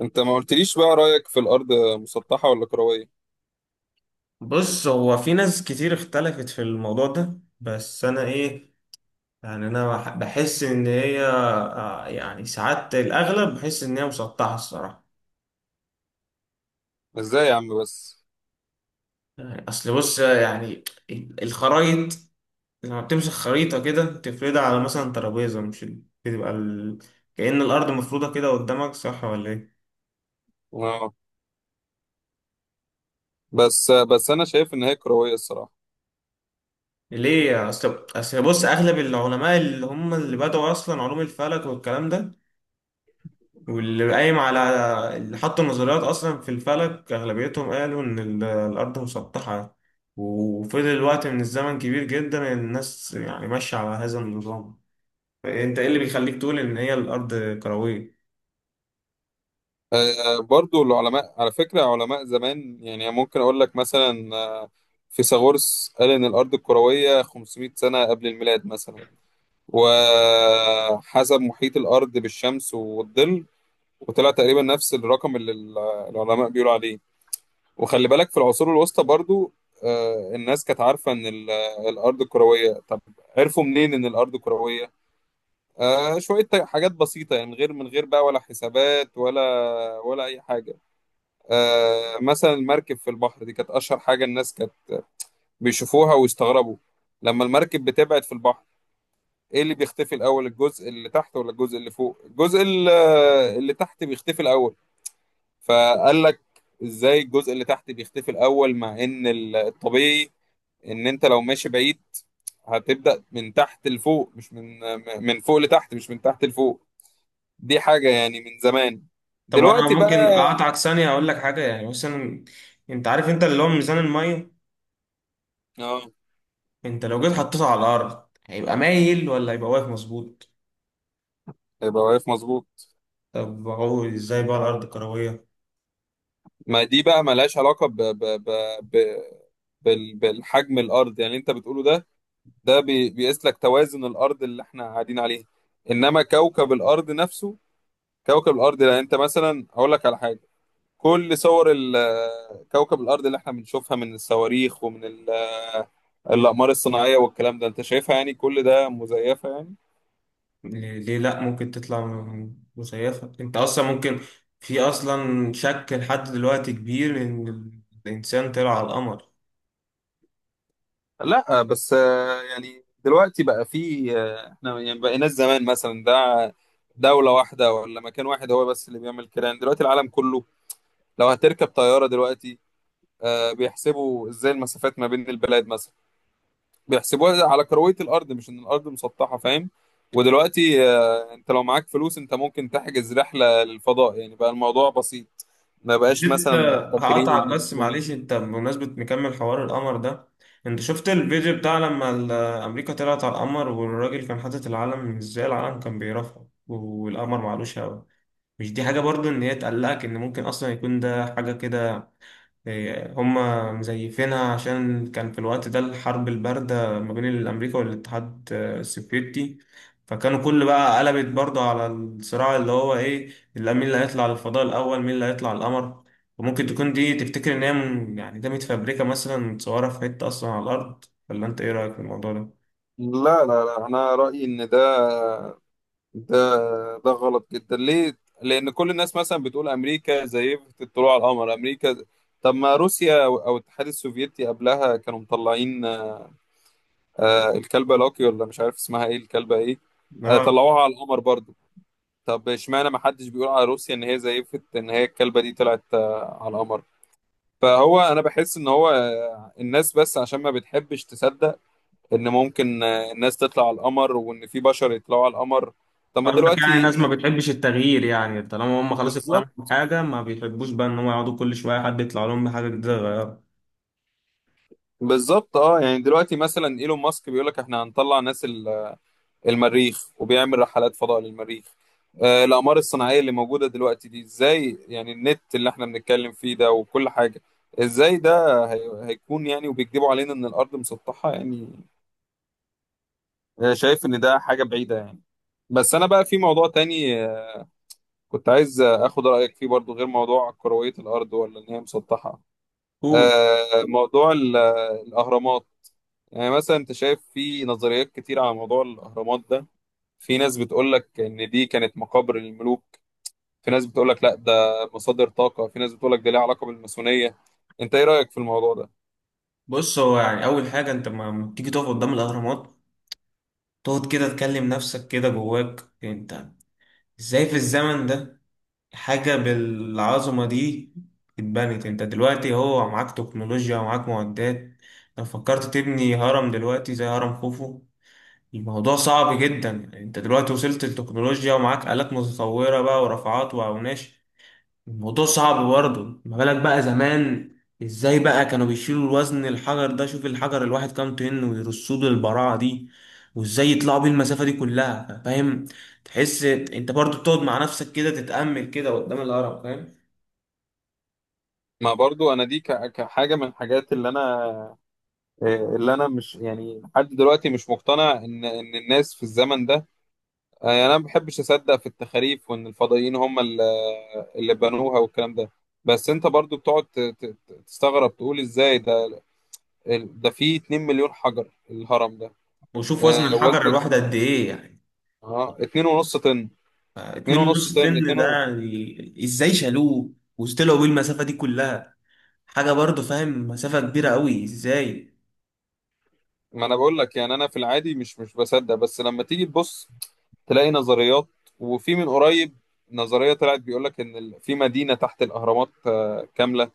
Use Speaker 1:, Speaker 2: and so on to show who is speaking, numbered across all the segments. Speaker 1: انت ما قلتليش بقى رأيك في الأرض مسطحة ولا كروية؟
Speaker 2: بص هو في ناس كتير اختلفت في الموضوع ده. بس انا ايه؟ بحس ان هي يعني ساعات الاغلب بحس ان هي مسطحه الصراحه.
Speaker 1: ازاي يا عم بس؟
Speaker 2: يعني اصل بص يعني الخرايط لما بتمسك خريطه كده تفردها على مثلا ترابيزه، مش بتبقى كأن الارض مفروضه كده قدامك، صح ولا ايه؟
Speaker 1: اه. بس انا شايف ان هي كروية الصراحة.
Speaker 2: ليه؟ اصل بص اغلب العلماء اللي هم اللي بدأوا اصلا علوم الفلك والكلام ده، واللي قايم على اللي حط النظريات أصلا في الفلك أغلبيتهم قالوا إن الأرض مسطحة، وفضل وقت من الزمن كبير جدا الناس يعني ماشية على هذا النظام. فأنت إيه اللي بيخليك تقول إن هي الأرض كروية؟
Speaker 1: برضو العلماء على فكرة علماء زمان يعني ممكن اقول لك مثلا، فيثاغورس قال ان الأرض الكروية 500 سنة قبل الميلاد مثلا، وحسب محيط الأرض بالشمس والظل، وطلع تقريبا نفس الرقم اللي العلماء بيقولوا عليه. وخلي بالك في العصور الوسطى برضو، الناس كانت عارفة إن الأرض كروية. طب عرفوا منين إن الأرض كروية؟ شوية حاجات بسيطة يعني، من غير بقى، ولا حسابات، ولا أي حاجة. مثلا المركب في البحر دي كانت أشهر حاجة الناس كانت بيشوفوها ويستغربوا. لما المركب بتبعد في البحر، إيه اللي بيختفي الأول، الجزء اللي تحت ولا الجزء اللي فوق؟ اللي تحت بيختفي الأول. فقال لك ازاي الجزء اللي تحت بيختفي الاول، مع ان الطبيعي ان انت لو ماشي بعيد هتبدأ من تحت لفوق، مش من فوق لتحت، مش من تحت لفوق. دي حاجة يعني من زمان.
Speaker 2: طب أنا
Speaker 1: دلوقتي
Speaker 2: ممكن
Speaker 1: بقى.
Speaker 2: أقطعك ثانية أقول لك حاجة. يعني مثلا أنت عارف أنت اللي هو ميزان المية،
Speaker 1: اه.
Speaker 2: أنت لو جيت حطيته على الأرض هيبقى مايل ولا هيبقى واقف مظبوط؟
Speaker 1: يبقى واقف مظبوط.
Speaker 2: طب هو إزاي بقى الأرض كروية؟
Speaker 1: ما دي بقى ملهاش علاقة ب... بالحجم الأرض، يعني اللي انت بتقوله ده، ده بيقيس لك توازن الأرض اللي احنا قاعدين عليها، انما كوكب الأرض نفسه. كوكب الأرض، لا، انت مثلا هقول لك على حاجة. كل صور كوكب الأرض اللي احنا بنشوفها من الصواريخ ومن الأقمار الصناعية والكلام ده، انت شايفها يعني كل ده مزيفة يعني؟
Speaker 2: ليه لا، ممكن تطلع مزيفة. انت اصلا ممكن، في اصلا شك لحد دلوقتي كبير ان الانسان طلع على القمر.
Speaker 1: لا، بس يعني دلوقتي بقى في احنا يعني بقيناش زمان مثلا ده دولة واحدة ولا مكان واحد هو بس اللي بيعمل كده. يعني دلوقتي العالم كله، لو هتركب طيارة دلوقتي، بيحسبوا ازاي المسافات ما بين البلاد مثلا، بيحسبوها على كروية الأرض مش إن الأرض مسطحة، فاهم؟ ودلوقتي أنت لو معاك فلوس أنت ممكن تحجز رحلة للفضاء، يعني بقى الموضوع بسيط، ما بقاش
Speaker 2: انت
Speaker 1: مثلا محتكرين
Speaker 2: هقطعك
Speaker 1: عن
Speaker 2: بس،
Speaker 1: الأسبوعين.
Speaker 2: معلش، انت بمناسبة مكمل حوار القمر ده، انت شفت الفيديو بتاع لما امريكا طلعت على القمر والراجل كان حاطط العلم؟ ازاي العلم كان بيرفعه والقمر معلوش هوا؟ مش دي حاجة برضو ان هي تقلقك، ان ممكن اصلا يكون ده حاجة كده؟ هما مزيفينها عشان كان في الوقت ده الحرب الباردة ما بين أمريكا والاتحاد السوفيتي، فكانوا كل بقى قلبت برضه على الصراع اللي هو إيه، اللي مين اللي هيطلع للفضاء الأول، مين اللي هيطلع القمر. وممكن تكون دي تفتكر إن هي يعني ده متفبركة، مثلا متصورة في حتة أصلا على الأرض، ولا أنت إيه رأيك في الموضوع ده؟
Speaker 1: لا، لا، لا، أنا رأيي إن ده، ده غلط جدا. ليه؟ لأن كل الناس مثلا بتقول أمريكا زيفت الطلوع على القمر. أمريكا؟ طب ما روسيا أو الاتحاد السوفيتي قبلها كانوا مطلعين، الكلبة لوكي ولا مش عارف اسمها إيه الكلبة إيه،
Speaker 2: آه،
Speaker 1: طلعوها على القمر برضو. طب اشمعنى ما حدش بيقول على روسيا ان هي زيفت ان هي الكلبه دي طلعت على القمر؟ فهو انا بحس ان هو، الناس بس عشان ما بتحبش تصدق ان ممكن الناس تطلع على القمر، وان في بشر يطلعوا على القمر. طب ما
Speaker 2: قصدك يعني
Speaker 1: دلوقتي
Speaker 2: الناس ما بتحبش التغيير، يعني طالما هم خلاص اقتنعوا
Speaker 1: بالظبط.
Speaker 2: بحاجة ما بيحبوش بقى إن هم يقعدوا كل شوية حد يطلع لهم بحاجة جديدة يغيرها.
Speaker 1: بالظبط، اه. يعني دلوقتي مثلا ايلون ماسك بيقول لك احنا هنطلع ناس المريخ، وبيعمل رحلات فضاء للمريخ. الأقمار الصناعية اللي موجودة دلوقتي دي ازاي يعني، النت اللي احنا بنتكلم فيه ده وكل حاجة، ازاي ده هيكون يعني وبيكذبوا علينا ان الأرض مسطحة يعني؟ شايف ان ده حاجة بعيدة يعني. بس انا بقى في موضوع تاني، كنت عايز اخد رأيك فيه برضو غير موضوع كروية الأرض ولا ان هي مسطحة.
Speaker 2: قول.
Speaker 1: موضوع الأهرامات. يعني مثلا انت شايف في نظريات كتير على موضوع الأهرامات ده. في ناس بتقول لك ان دي كانت مقابر الملوك، في ناس بتقول لك لا ده مصادر طاقة، في ناس بتقول لك ده ليه علاقة بالماسونية. انت ايه رأيك في الموضوع ده؟
Speaker 2: بص، هو يعني اول حاجه انت ما تيجي تقف قدام الاهرامات، تقعد كده تكلم نفسك كده جواك انت ازاي في الزمن ده حاجه بالعظمه دي اتبنت. انت دلوقتي هو معاك تكنولوجيا ومعاك معدات، لو فكرت تبني هرم دلوقتي زي هرم خوفو الموضوع صعب جدا. انت دلوقتي وصلت للتكنولوجيا ومعاك آلات متطوره بقى ورافعات واوناش، الموضوع صعب برضه. ما بالك بقى زمان ازاي بقى كانوا بيشيلوا الوزن الحجر ده؟ شوف الحجر الواحد كام طن ويرصوه بالبراعة دي، وازاي يطلعوا بيه المسافة دي كلها، فاهم؟ تحس انت برضه بتقعد مع نفسك كده تتأمل كده قدام الهرم، فاهم؟
Speaker 1: ما برضو انا دي كحاجة من الحاجات اللي انا، مش يعني لحد دلوقتي مش مقتنع ان الناس في الزمن ده، يعني انا ما بحبش اصدق في التخاريف، وان الفضائيين هم اللي بنوها والكلام ده. بس انت برضو بتقعد تستغرب، تقول ازاي ده، ده فيه 2 مليون حجر الهرم ده.
Speaker 2: وشوف وزن الحجر
Speaker 1: وزن،
Speaker 2: الواحد قد ايه يعني.
Speaker 1: اه 2.5 طن،
Speaker 2: اتنين
Speaker 1: 2.5
Speaker 2: ونص
Speaker 1: طن،
Speaker 2: طن ده
Speaker 1: 2
Speaker 2: يعني ازاي شالوه وطلعوا بيه المسافة دي كلها، حاجة برضه، فاهم؟ مسافة كبيرة قوي، ازاي؟
Speaker 1: ما انا بقول لك يعني انا في العادي مش بصدق، بس لما تيجي تبص تلاقي نظريات. وفي من قريب نظرية طلعت بيقول لك ان في مدينة تحت الاهرامات كاملة.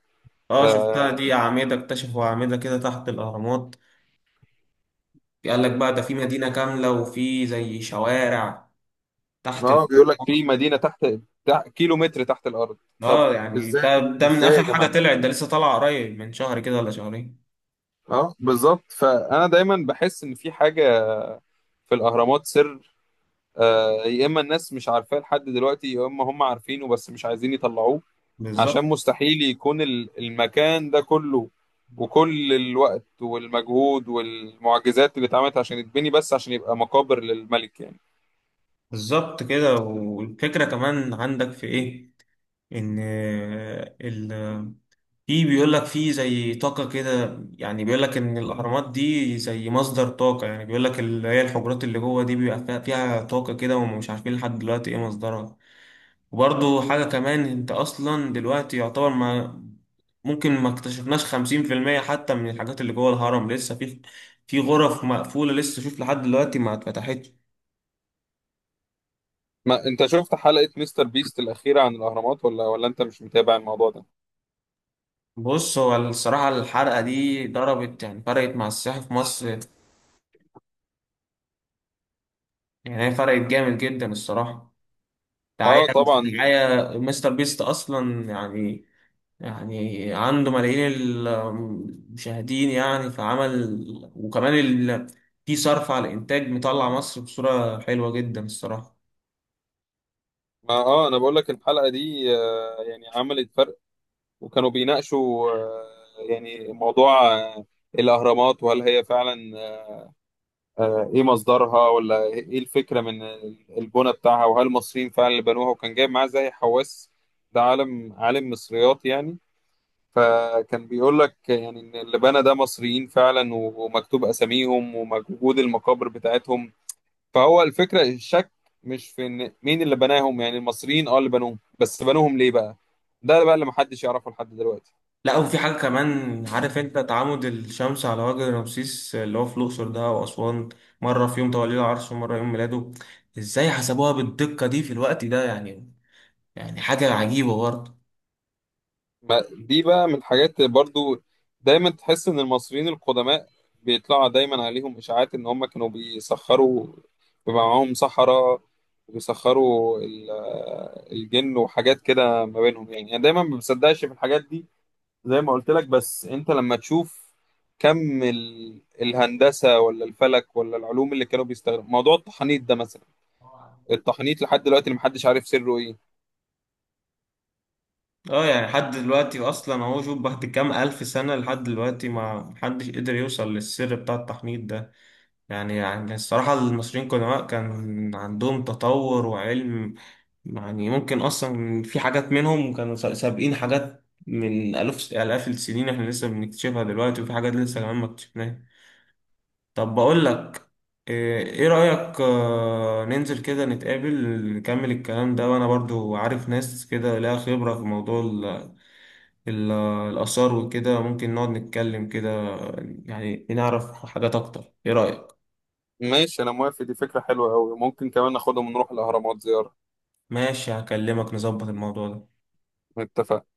Speaker 2: اه شفتها
Speaker 1: آه،
Speaker 2: دي، أعمدة اكتشفوا أعمدة كده تحت الأهرامات. قال لك بقى ده في مدينة كاملة وفي زي شوارع تحت
Speaker 1: اه بيقول لك في مدينة تحت، كيلو متر تحت الارض. طب
Speaker 2: اه يعني ده
Speaker 1: ازاي
Speaker 2: ده من
Speaker 1: ازاي يا
Speaker 2: آخر حاجة
Speaker 1: جماعة؟
Speaker 2: طلعت، ده لسه طالع قريب من شهر كده ولا شهرين.
Speaker 1: اه بالظبط. فانا دايما بحس ان في حاجة في الاهرامات سر. يا اما الناس مش عارفاه لحد دلوقتي، يا اما هم عارفينه بس مش عايزين يطلعوه. عشان
Speaker 2: بالظبط.
Speaker 1: مستحيل يكون المكان ده كله، وكل الوقت والمجهود والمعجزات اللي اتعملت عشان يتبني، بس عشان يبقى مقابر للملك يعني.
Speaker 2: بالظبط كده. والفكرة كمان عندك في ايه، ان آه، ال في بيقول لك في زي طاقة كده، يعني بيقول لك إن الأهرامات دي زي مصدر طاقة، يعني بيقول لك اللي هي الحجرات اللي جوه دي بيبقى فيها طاقة كده ومش عارفين لحد دلوقتي إيه مصدرها. وبرضه حاجة كمان، انت اصلا دلوقتي يعتبر ما ممكن ما اكتشفناش 50% حتى من الحاجات اللي جوه الهرم، لسه في في غرف مقفولة لسه شوف لحد دلوقتي ما اتفتحتش.
Speaker 1: ما انت شفت حلقة مستر بيست الأخيرة عن الأهرامات ولا انت مش متابع الموضوع ده؟
Speaker 2: بص هو الصراحة الحرقة دي ضربت، يعني فرقت مع السياحة في مصر، يعني هي فرقت جامد جدا الصراحة. دعاية،
Speaker 1: اه طبعا.
Speaker 2: دعاية مستر بيست أصلا يعني، يعني عنده ملايين المشاهدين يعني فعمل، وكمان في صرف على الإنتاج، مطلع مصر بصورة حلوة جدا الصراحة.
Speaker 1: ما اه انا بقول لك الحلقة دي يعني عملت فرق. وكانوا بيناقشوا يعني موضوع الأهرامات، وهل هي فعلا ايه مصدرها، ولا ايه الفكره من البنى بتاعها، وهل المصريين فعلا اللي بنوها. وكان جايب معاه زي حواس، ده عالم مصريات يعني. فكان بيقول لك يعني ان اللي بنى ده مصريين فعلا، ومكتوب اساميهم وموجود المقابر بتاعتهم. فهو الفكره، الشك مش في ان مين اللي بناهم، يعني المصريين اه اللي بنوهم، بس بنوهم ليه بقى؟ ده بقى اللي محدش يعرفه لحد دلوقتي.
Speaker 2: لا، وفي حاجة كمان، عارف انت تعامد الشمس على وجه رمسيس اللي هو في الأقصر ده وأسوان، مرة في يوم توليه العرش ومرة يوم ميلاده؟ ازاي حسبوها بالدقة دي في الوقت ده يعني؟ يعني حاجة عجيبة برضه.
Speaker 1: ما دي بقى من الحاجات برضو، دايما تحس ان المصريين القدماء بيطلع دايما عليهم اشاعات ان هم كانوا بيسخروا، بيبقى معاهم سحرة وبيسخروا الجن وحاجات كده ما بينهم. يعني انا دايما ما بصدقش في الحاجات دي، زي ما قلت لك. بس انت لما تشوف كم الهندسة ولا الفلك ولا العلوم اللي كانوا بيستخدموا، موضوع التحنيط ده مثلا، التحنيط لحد دلوقتي اللي محدش عارف سره ايه.
Speaker 2: اه يعني لحد دلوقتي اصلا اهو، شوف بعد كام الف سنة لحد دلوقتي ما محدش قدر يوصل للسر بتاع التحنيط ده. يعني يعني الصراحة المصريين قدماء كان عندهم تطور وعلم، يعني ممكن أصلا في حاجات منهم كانوا سابقين حاجات من آلاف آلاف السنين إحنا لسه بنكتشفها دلوقتي، وفي حاجات لسه كمان ما اكتشفناها. طب بقول لك، إيه رأيك آه، ننزل كده نتقابل، نكمل الكلام ده، وأنا برضو عارف ناس كده لها خبرة في موضوع ال- الآثار وكده، ممكن نقعد نتكلم كده، يعني نعرف حاجات أكتر، إيه رأيك؟
Speaker 1: ماشي، انا موافق، دي فكرة حلوة قوي، ممكن كمان ناخدهم ونروح الاهرامات زيارة.
Speaker 2: ماشي، هكلمك نظبط الموضوع ده.
Speaker 1: اتفقنا.